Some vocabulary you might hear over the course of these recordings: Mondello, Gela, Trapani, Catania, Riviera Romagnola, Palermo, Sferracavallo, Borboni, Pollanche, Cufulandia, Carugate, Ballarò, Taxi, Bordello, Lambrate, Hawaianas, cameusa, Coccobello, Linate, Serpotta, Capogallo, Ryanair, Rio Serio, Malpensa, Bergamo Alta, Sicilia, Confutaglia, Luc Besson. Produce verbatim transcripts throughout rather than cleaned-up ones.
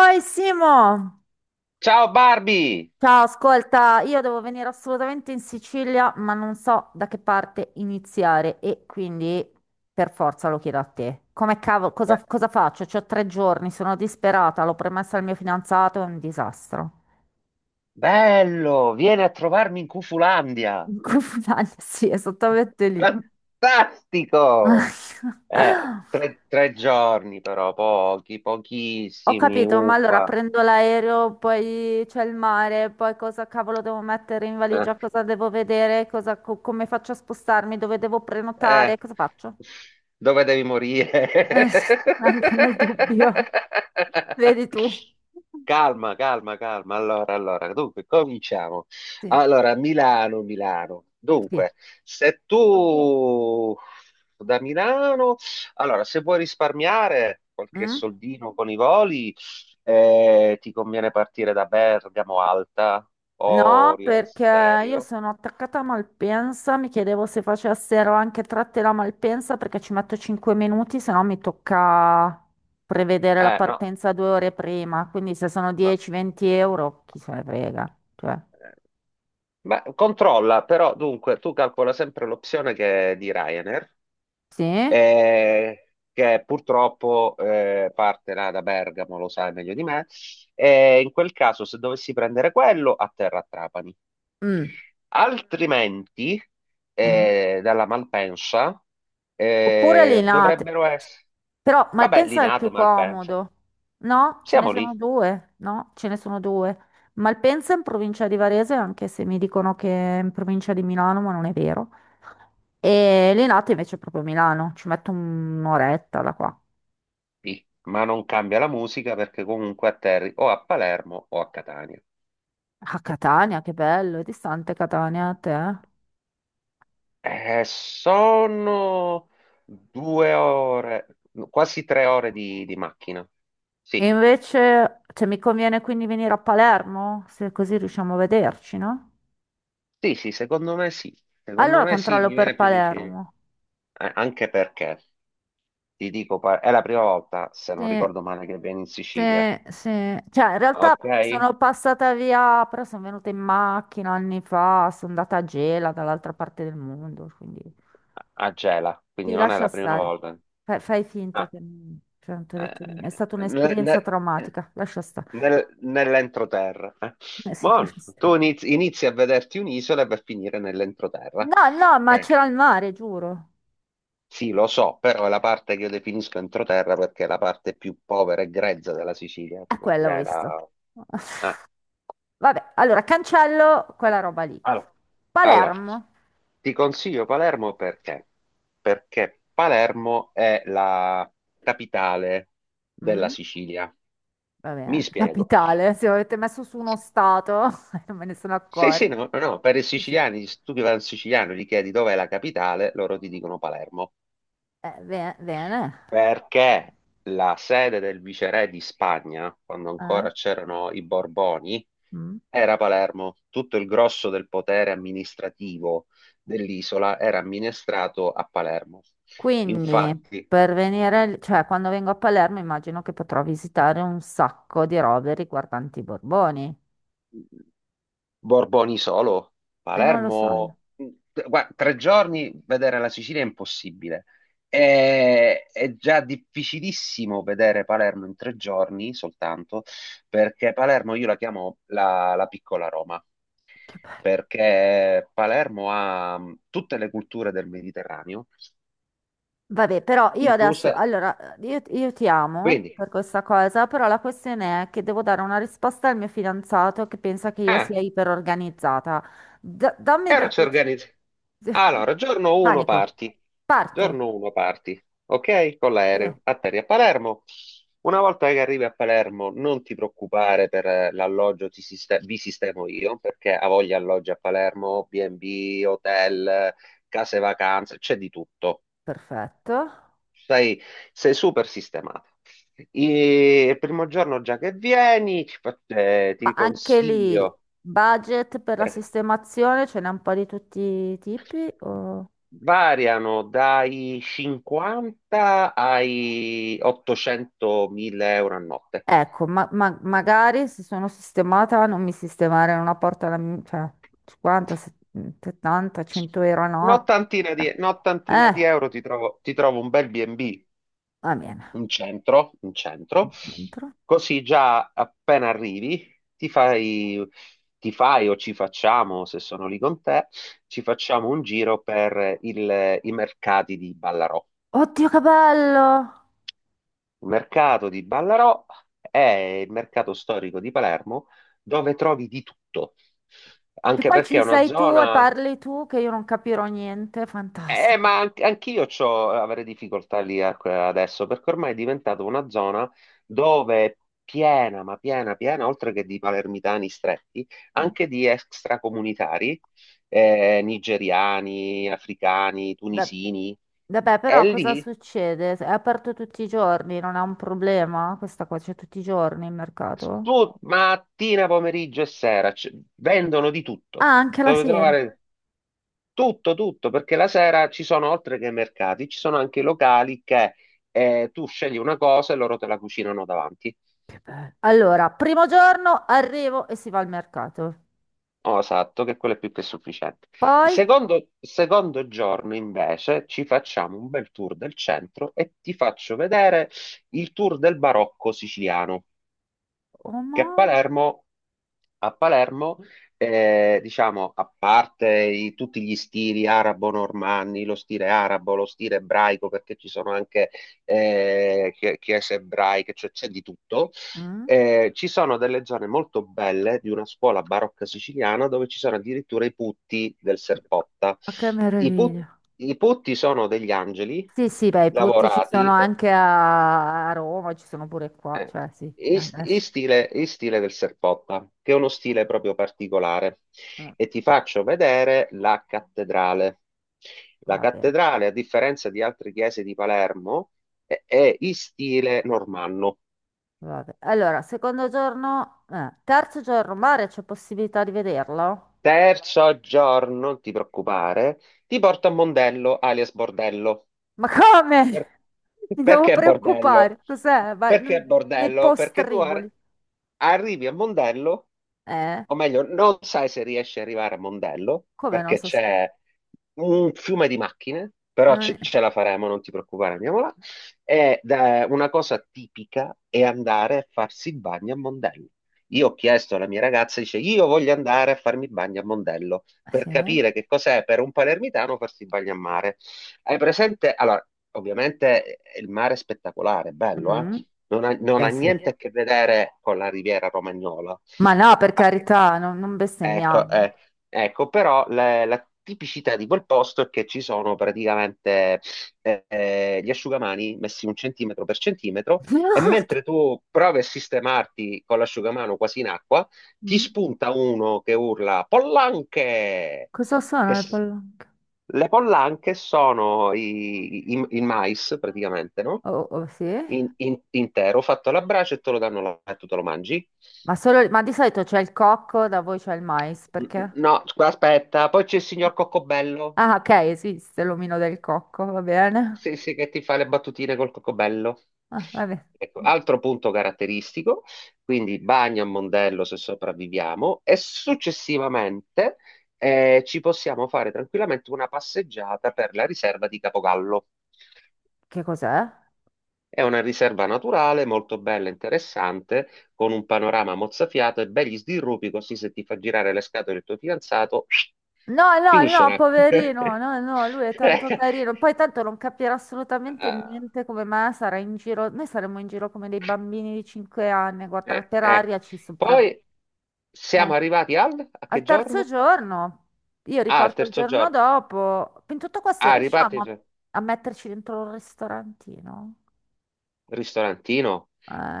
Oi Simo! Ciao Barbie! Ciao, ascolta, io devo venire assolutamente in Sicilia, ma non so da che parte iniziare e quindi per forza lo chiedo a te. Come cavolo, Be- cosa, cosa faccio? C'ho tre giorni, sono disperata, l'ho promessa al mio fidanzato, è un disastro. Bello, vieni a trovarmi in Cufulandia. In Confutaglia, sì, esattamente lì. Fantastico! Eh, tre, tre giorni però, pochi, Ho pochissimi, capito, ma allora upa. prendo l'aereo, poi c'è il mare, poi cosa cavolo devo mettere in valigia, cosa devo vedere, cosa- co- come faccio a spostarmi, dove devo Eh, prenotare, cosa faccio? Dove devi morire? Eh, sì, anche nel dubbio, vedi tu. Calma, calma, calma. Allora, allora, dunque, cominciamo. Sì, Allora, Milano, Milano. sì. Dunque, se tu da Milano, allora, se vuoi risparmiare qualche Mm? soldino con i voli, eh, ti conviene partire da Bergamo Alta o No, Rio perché io Serio? sono attaccata a Malpensa, mi chiedevo se facessero anche tratte da Malpensa perché ci metto cinque minuti, se no mi tocca prevedere la Eh, no, partenza due ore prima, quindi se sono no. dieci-venti euro, chi se ne frega. Cioè, eh, Ma controlla, però dunque tu calcola sempre l'opzione che è di Ryanair, sì? eh, che purtroppo eh, parte là da Bergamo, lo sai meglio di me, e in quel caso se dovessi prendere quello, atterra a Trapani. Mm, Altrimenti, mm. eh, dalla Malpensa, Oppure eh, Linate, dovrebbero essere... però Vabbè, Malpensa è il Linate, più Malpensa, comodo, no? Ce ne siamo sono lì, due, no? Ce ne sono due. Malpensa in provincia di Varese, anche se mi dicono che è in provincia di Milano, ma non è vero. E Linate invece è proprio a Milano, ci metto un'oretta da qua. lì, ma non cambia la musica perché comunque atterri o a Palermo o a Catania. A Catania, che bello, è distante Catania a te. Eh. Eh, sono due ore, quasi tre ore di, di macchina. E Sì, invece, cioè, mi conviene quindi venire a Palermo, se così riusciamo a vederci, no? sì, sì, secondo me sì. Secondo Allora me sì, controllo mi per viene più vicino. Palermo. Eh, anche perché, ti dico, pa- è la prima volta, se Sì, non ricordo male, che vieni in sì, Sicilia. sì. Cioè, in realtà Ok? sono passata via, però sono venuta in macchina anni fa, sono andata a Gela, dall'altra parte del mondo, quindi... A Gela, Sì, quindi non è lascia la prima stare. volta. Fai, fai finta Ah, che non, cioè, non ti ho detto niente. È eh, stata ne- un'esperienza ne- eh, traumatica. Lascia stare. nel- nell'entroterra. eh. Eh sì, Buono, lascia stare. tu inizi, inizi a vederti un'isola e per finire nell'entroterra. No, no, ma Eh, c'era il mare, giuro. Sì, lo so, però è la parte che io definisco entroterra perché è la parte più povera e grezza della Sicilia, È tipo quella ho Gela. visto. Eh. Vabbè, allora cancello quella roba lì. Allora, Allora, Palermo. ti consiglio Palermo perché? Perché Palermo è la capitale della Mm, Sicilia. va Mi bene. spiego. Capitale. Se avete messo su uno stato, non me ne sono Sì, sì, accorta. no, no, per i Sì. siciliani, se tu che vai al siciliano e gli chiedi dov'è la capitale, loro ti dicono Palermo. Eh, be- bene. Perché la sede del viceré di Spagna, quando Eh? ancora c'erano i Borboni, Mm. era a Palermo. Tutto il grosso del potere amministrativo dell'isola era amministrato a Palermo. Quindi, Infatti, per venire, lì- cioè quando vengo a Palermo immagino che potrò visitare un sacco di robe riguardanti i Borboni. Borboni solo, E non lo so io. Palermo, guarda, tre giorni vedere la Sicilia è impossibile. È, è già difficilissimo vedere Palermo in tre giorni soltanto, perché Palermo io la chiamo la, la piccola Roma, Che bello. perché Palermo ha mh, tutte le culture del Mediterraneo, Vabbè, però io incluse... adesso, allora, io, io ti amo Quindi, per questa cosa, però la questione è che devo dare una risposta al mio fidanzato che pensa che io eh, sia iperorganizzata. Da- dammi e ora per ci piacere. organizziamo. Allora, giorno uno Panico. parti. Parto. Giorno uno parti, ok? Con Sì. l'aereo. Atterri a Palermo. Una volta che arrivi a Palermo, non ti preoccupare per eh, l'alloggio, ti siste- vi sistemo io, perché ha voglia alloggi a Palermo, bi e bi, hotel, eh, case vacanze, c'è di tutto. Perfetto. Sei, sei super sistemato. E il primo giorno già che vieni, ti, fa- eh, Ma ti anche lì, consiglio. budget per la sistemazione ce n'è un po' di tutti i tipi? o- Variano dai cinquanta ai ottocentomila euro a notte. Ecco, ma, ma- magari se sono sistemata non mi sistemare una porta alla mi- cioè cinquanta, se- settanta, cento euro a notte. Un'ottantina di, un'ottantina Eh, di euro ti trovo, ti trovo un bel bi e bi, va bene. un centro, un centro, Dentro. così già appena arrivi ti fai, ti fai o ci facciamo, se sono lì con te, ci facciamo un giro per il- i mercati di Ballarò. Oddio, che bello! Il mercato di Ballarò è il mercato storico di Palermo dove trovi di tutto, Che anche poi perché è ci una sei tu e zona... parli tu che io non capirò niente, Eh, fantastico. Ma an- anch'io c'ho, avrei difficoltà lì a- adesso, perché ormai è diventata una zona dove è piena, ma piena, piena, oltre che di palermitani stretti, anche di extracomunitari, eh, nigeriani, africani, Va- tunisini. Vabbè, E però cosa lì. succede? È aperto tutti i giorni, non è un problema? Questa qua c'è tutti i giorni il mercato? Tu mattina, pomeriggio e sera c- vendono di tutto. Ah, anche la Dovete sera. trovare tutto, tutto, perché la sera ci sono, oltre che mercati, ci sono anche locali che eh, tu scegli una cosa e loro te la cucinano davanti. Che bello. Allora, primo giorno arrivo e si va al mercato. Oh, esatto, che quello è più che sufficiente. Il Poi. secondo, secondo giorno, invece, ci facciamo un bel tour del centro e ti faccio vedere il tour del barocco siciliano. Oh Che a mamma. Palermo, a Palermo eh, diciamo, a parte i- tutti gli stili arabo-normanni, lo stile arabo, lo stile ebraico, perché ci sono anche eh, chie- chiese ebraiche, cioè c'è di tutto. Mm? Eh, ci sono delle zone molto belle di una scuola barocca siciliana dove ci sono addirittura i putti del Serpotta. Ma che I, put- meraviglia. I putti sono degli angeli Sì, sì, beh, i putti ci lavorati. sono eh, anche a, a Roma, ci sono pure qua, eh, cioè sì, eh, in, st- adesso. in stile, in stile del Serpotta, che è uno stile proprio particolare. Mm, E ti faccio vedere la cattedrale. La va bene, cattedrale, a differenza di altre chiese di Palermo, è, è in stile normanno. va bene. Allora, secondo giorno, eh, terzo giorno, mare, c'è possibilità di vederlo? Terzo giorno, non ti preoccupare, ti porto a Mondello, alias Bordello. Ma Per- come? Mi devo Perché bordello? preoccupare. Cos'è? Vai, Perché non- nei bordello? Perché tu ar- postriboli. arrivi a Mondello, Eh? o meglio, non sai se riesci ad arrivare a Mondello, Come non perché so se... c'è un fiume di macchine, però non- ce, ce la faremo, non ti preoccupare, andiamo là. Ed è una cosa tipica è andare a farsi il bagno a Mondello. Io ho chiesto alla mia ragazza, dice, io voglio andare a farmi il bagno a Mondello, per Sì? capire che cos'è per un palermitano farsi il bagno a mare. Hai presente? Allora, ovviamente eh, il mare è spettacolare, è bello, eh? Mm? Non ha, non ha Eh sì. niente a che vedere con la Riviera Romagnola. Ma no, per Ah. carità, non, non bestemmiamo. Ecco, eh, ecco, però la, la tipicità di quel posto è che ci sono praticamente eh, eh, gli asciugamani messi un centimetro per centimetro e mentre tu provi a sistemarti con l'asciugamano quasi in acqua, ti Mm? spunta uno che urla Pollanche! Cosa sono Che le s- polacche? le pollanche sono i- i- il mais praticamente, no? Oh, oh, sì? In- in- intero, fatto alla brace e te lo danno là e tu te lo mangi. Ma, solo- ma di solito c'è il cocco, da voi c'è il mais, perché? No, scusa, aspetta, poi c'è il signor Coccobello. Ah, ok, esiste l'omino del cocco, va bene. Sì, sì, che ti fa le battutine col Coccobello. Ah, va bene. Ecco, altro punto caratteristico, quindi bagno a Mondello se sopravviviamo e successivamente eh, ci possiamo fare tranquillamente una passeggiata per la riserva di Capogallo. Che cos'è? È una riserva naturale molto bella e interessante, con un panorama mozzafiato e begli sdirrupi, così se ti fa girare le scatole il tuo fidanzato, No, no, finisce no, là. poverino, no, no, lui è tanto carino. Poi tanto non capirà assolutamente Ah, niente come me, sarà in giro, noi saremo in giro come dei bambini di cinque anni, guarda, eh, per eh. aria ci sopra... Poi Eh. siamo arrivati al, a che Al terzo giorno? giorno, io Ah, al riparto il terzo giorno giorno. dopo, in tutto questo Ah, riparti riusciamo il a, a metterci dentro un ristorantino? ristorantino.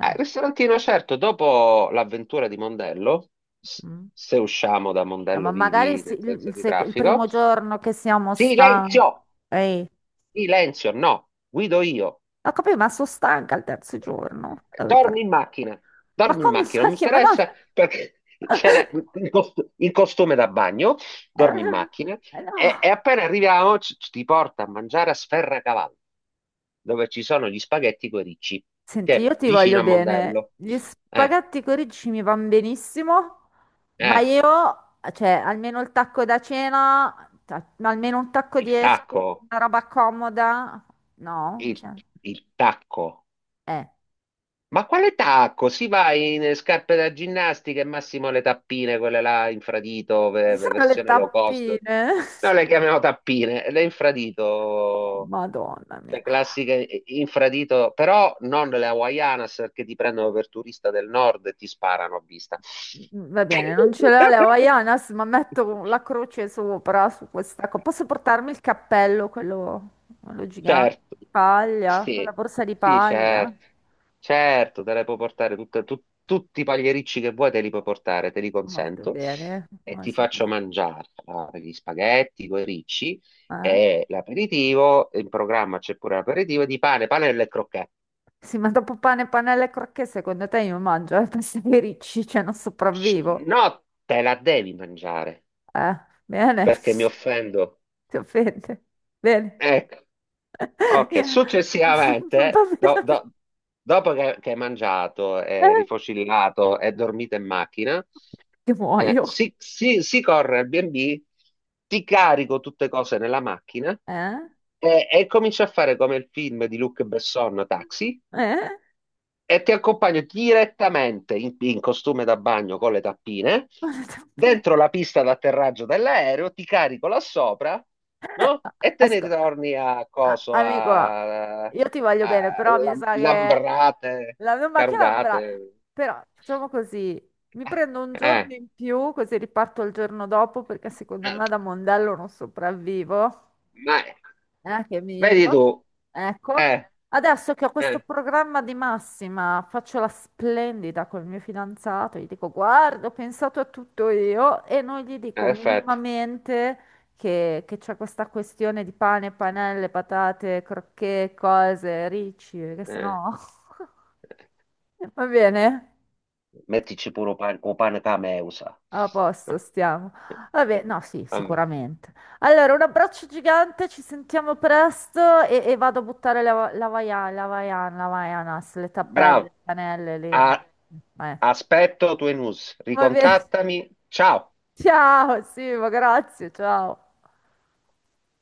Ah, il ristorantino, certo, dopo l'avventura di Mondello, s- mm. se usciamo da No, ma Mondello magari vivi, se- nel il, senso il di seco- il traffico. primo giorno che siamo stanchi, Silenzio! ehi, Silenzio, no, guido io. ho capito, ma sono stanca il terzo giorno. eh, Dormi in macchina, Ma dormi in come macchina, fa non mi che... Ma no! interessa perché c'era il, cost- il costume da bagno, dormi in macchina Eh, e, e no. appena arriviamo ci- ci- ti porta a mangiare a Sferracavallo, dove ci sono gli spaghetti coi ricci, che Senti, è io ti vicino voglio a bene. Mondello. Gli Eh, spaghetti con ricci mi vanno benissimo, ma eh, io, cioè, almeno il tacco da cena, ta- almeno un tacco di il esche, tacco, una roba comoda. No? il Cioè, il tacco. eh. Ma quale tacco? Si va in eh, scarpe da ginnastica e massimo le tappine, quelle là infradito, ve- Cosa ve- sono le versione low cost. tappine? Noi le chiamiamo tappine, le Oh, infradito, Madonna mia. le classiche eh, infradito, però non le Hawaianas perché ti prendono per turista del nord e ti sparano a vista. Mm, va bene, non ce l'ho le Havaianas, ma metto la croce sopra su questa cosa. Posso portarmi il cappello, quello, quello gigante Certo. di paglia, quella Sì, borsa di sì, paglia? certo, certo, te le puoi portare tutte- tu- tutti i pagliericci che vuoi, te li puoi portare, te li Molto consento bene. e Ma ti se- faccio mangiare allora, gli spaghetti, coi ricci Eh? e l'aperitivo, in programma c'è pure l'aperitivo di pane, panelle e crocchette. Sì, ma dopo pane, panelle e crocchè, secondo te io mangio, eh? Pensi che ricci, cioè non sopravvivo. No, te la devi mangiare Eh, bene, perché mi offendo. ti offende. Bene. Ecco. Ok, Yeah. Va successivamente, do- bene. do- dopo che, che hai mangiato, Eh? è rifocillato e dormito in macchina, Che eh, muoio. si, si- si corre al bi e bi, ti carico tutte cose nella macchina Eh? e, e comincio a fare come il film di Luc Besson, Taxi, Eh? e ti accompagno direttamente in, in costume da bagno con le tappine Ma le tappine. dentro la pista d'atterraggio dell'aereo, ti carico là sopra, Eh, no? E te ne Asco- ritorni a a- coso, amico, a, io ti voglio a bene, però mi Lam- sa che Lambrate, la mia macchina avrà... Carugate. Però facciamo così, mi Eh, prendo un eh, giorno in più, così riparto il giorno dopo, perché secondo me da Mondello non sopravvivo. ma- Eh, che Vedi meglio. tu, Ecco, eh, adesso che ho questo eh, programma di massima, faccio la splendida col mio fidanzato, gli dico, guarda, ho pensato a tutto io e non gli dico perfetto. minimamente che, che c'è questa questione di pane, panelle, patate, crocchè, cose, ricci, perché Eh, sennò... Va bene? Mettici pure un pane, un pane cameusa. A posto, Eh, stiamo. eh, Vabbè, eh, no, sì, Vabbè. sicuramente. Allora, un abbraccio gigante, ci sentiamo presto e, e vado a buttare la, la vaia- la vaiana, la vaianas, le tappelle, Bravo. le canelle, lì, A- no. Eh. Aspetto tue news, Va bene. ricontattami. Ciao! Ciao, Simo, grazie, ciao.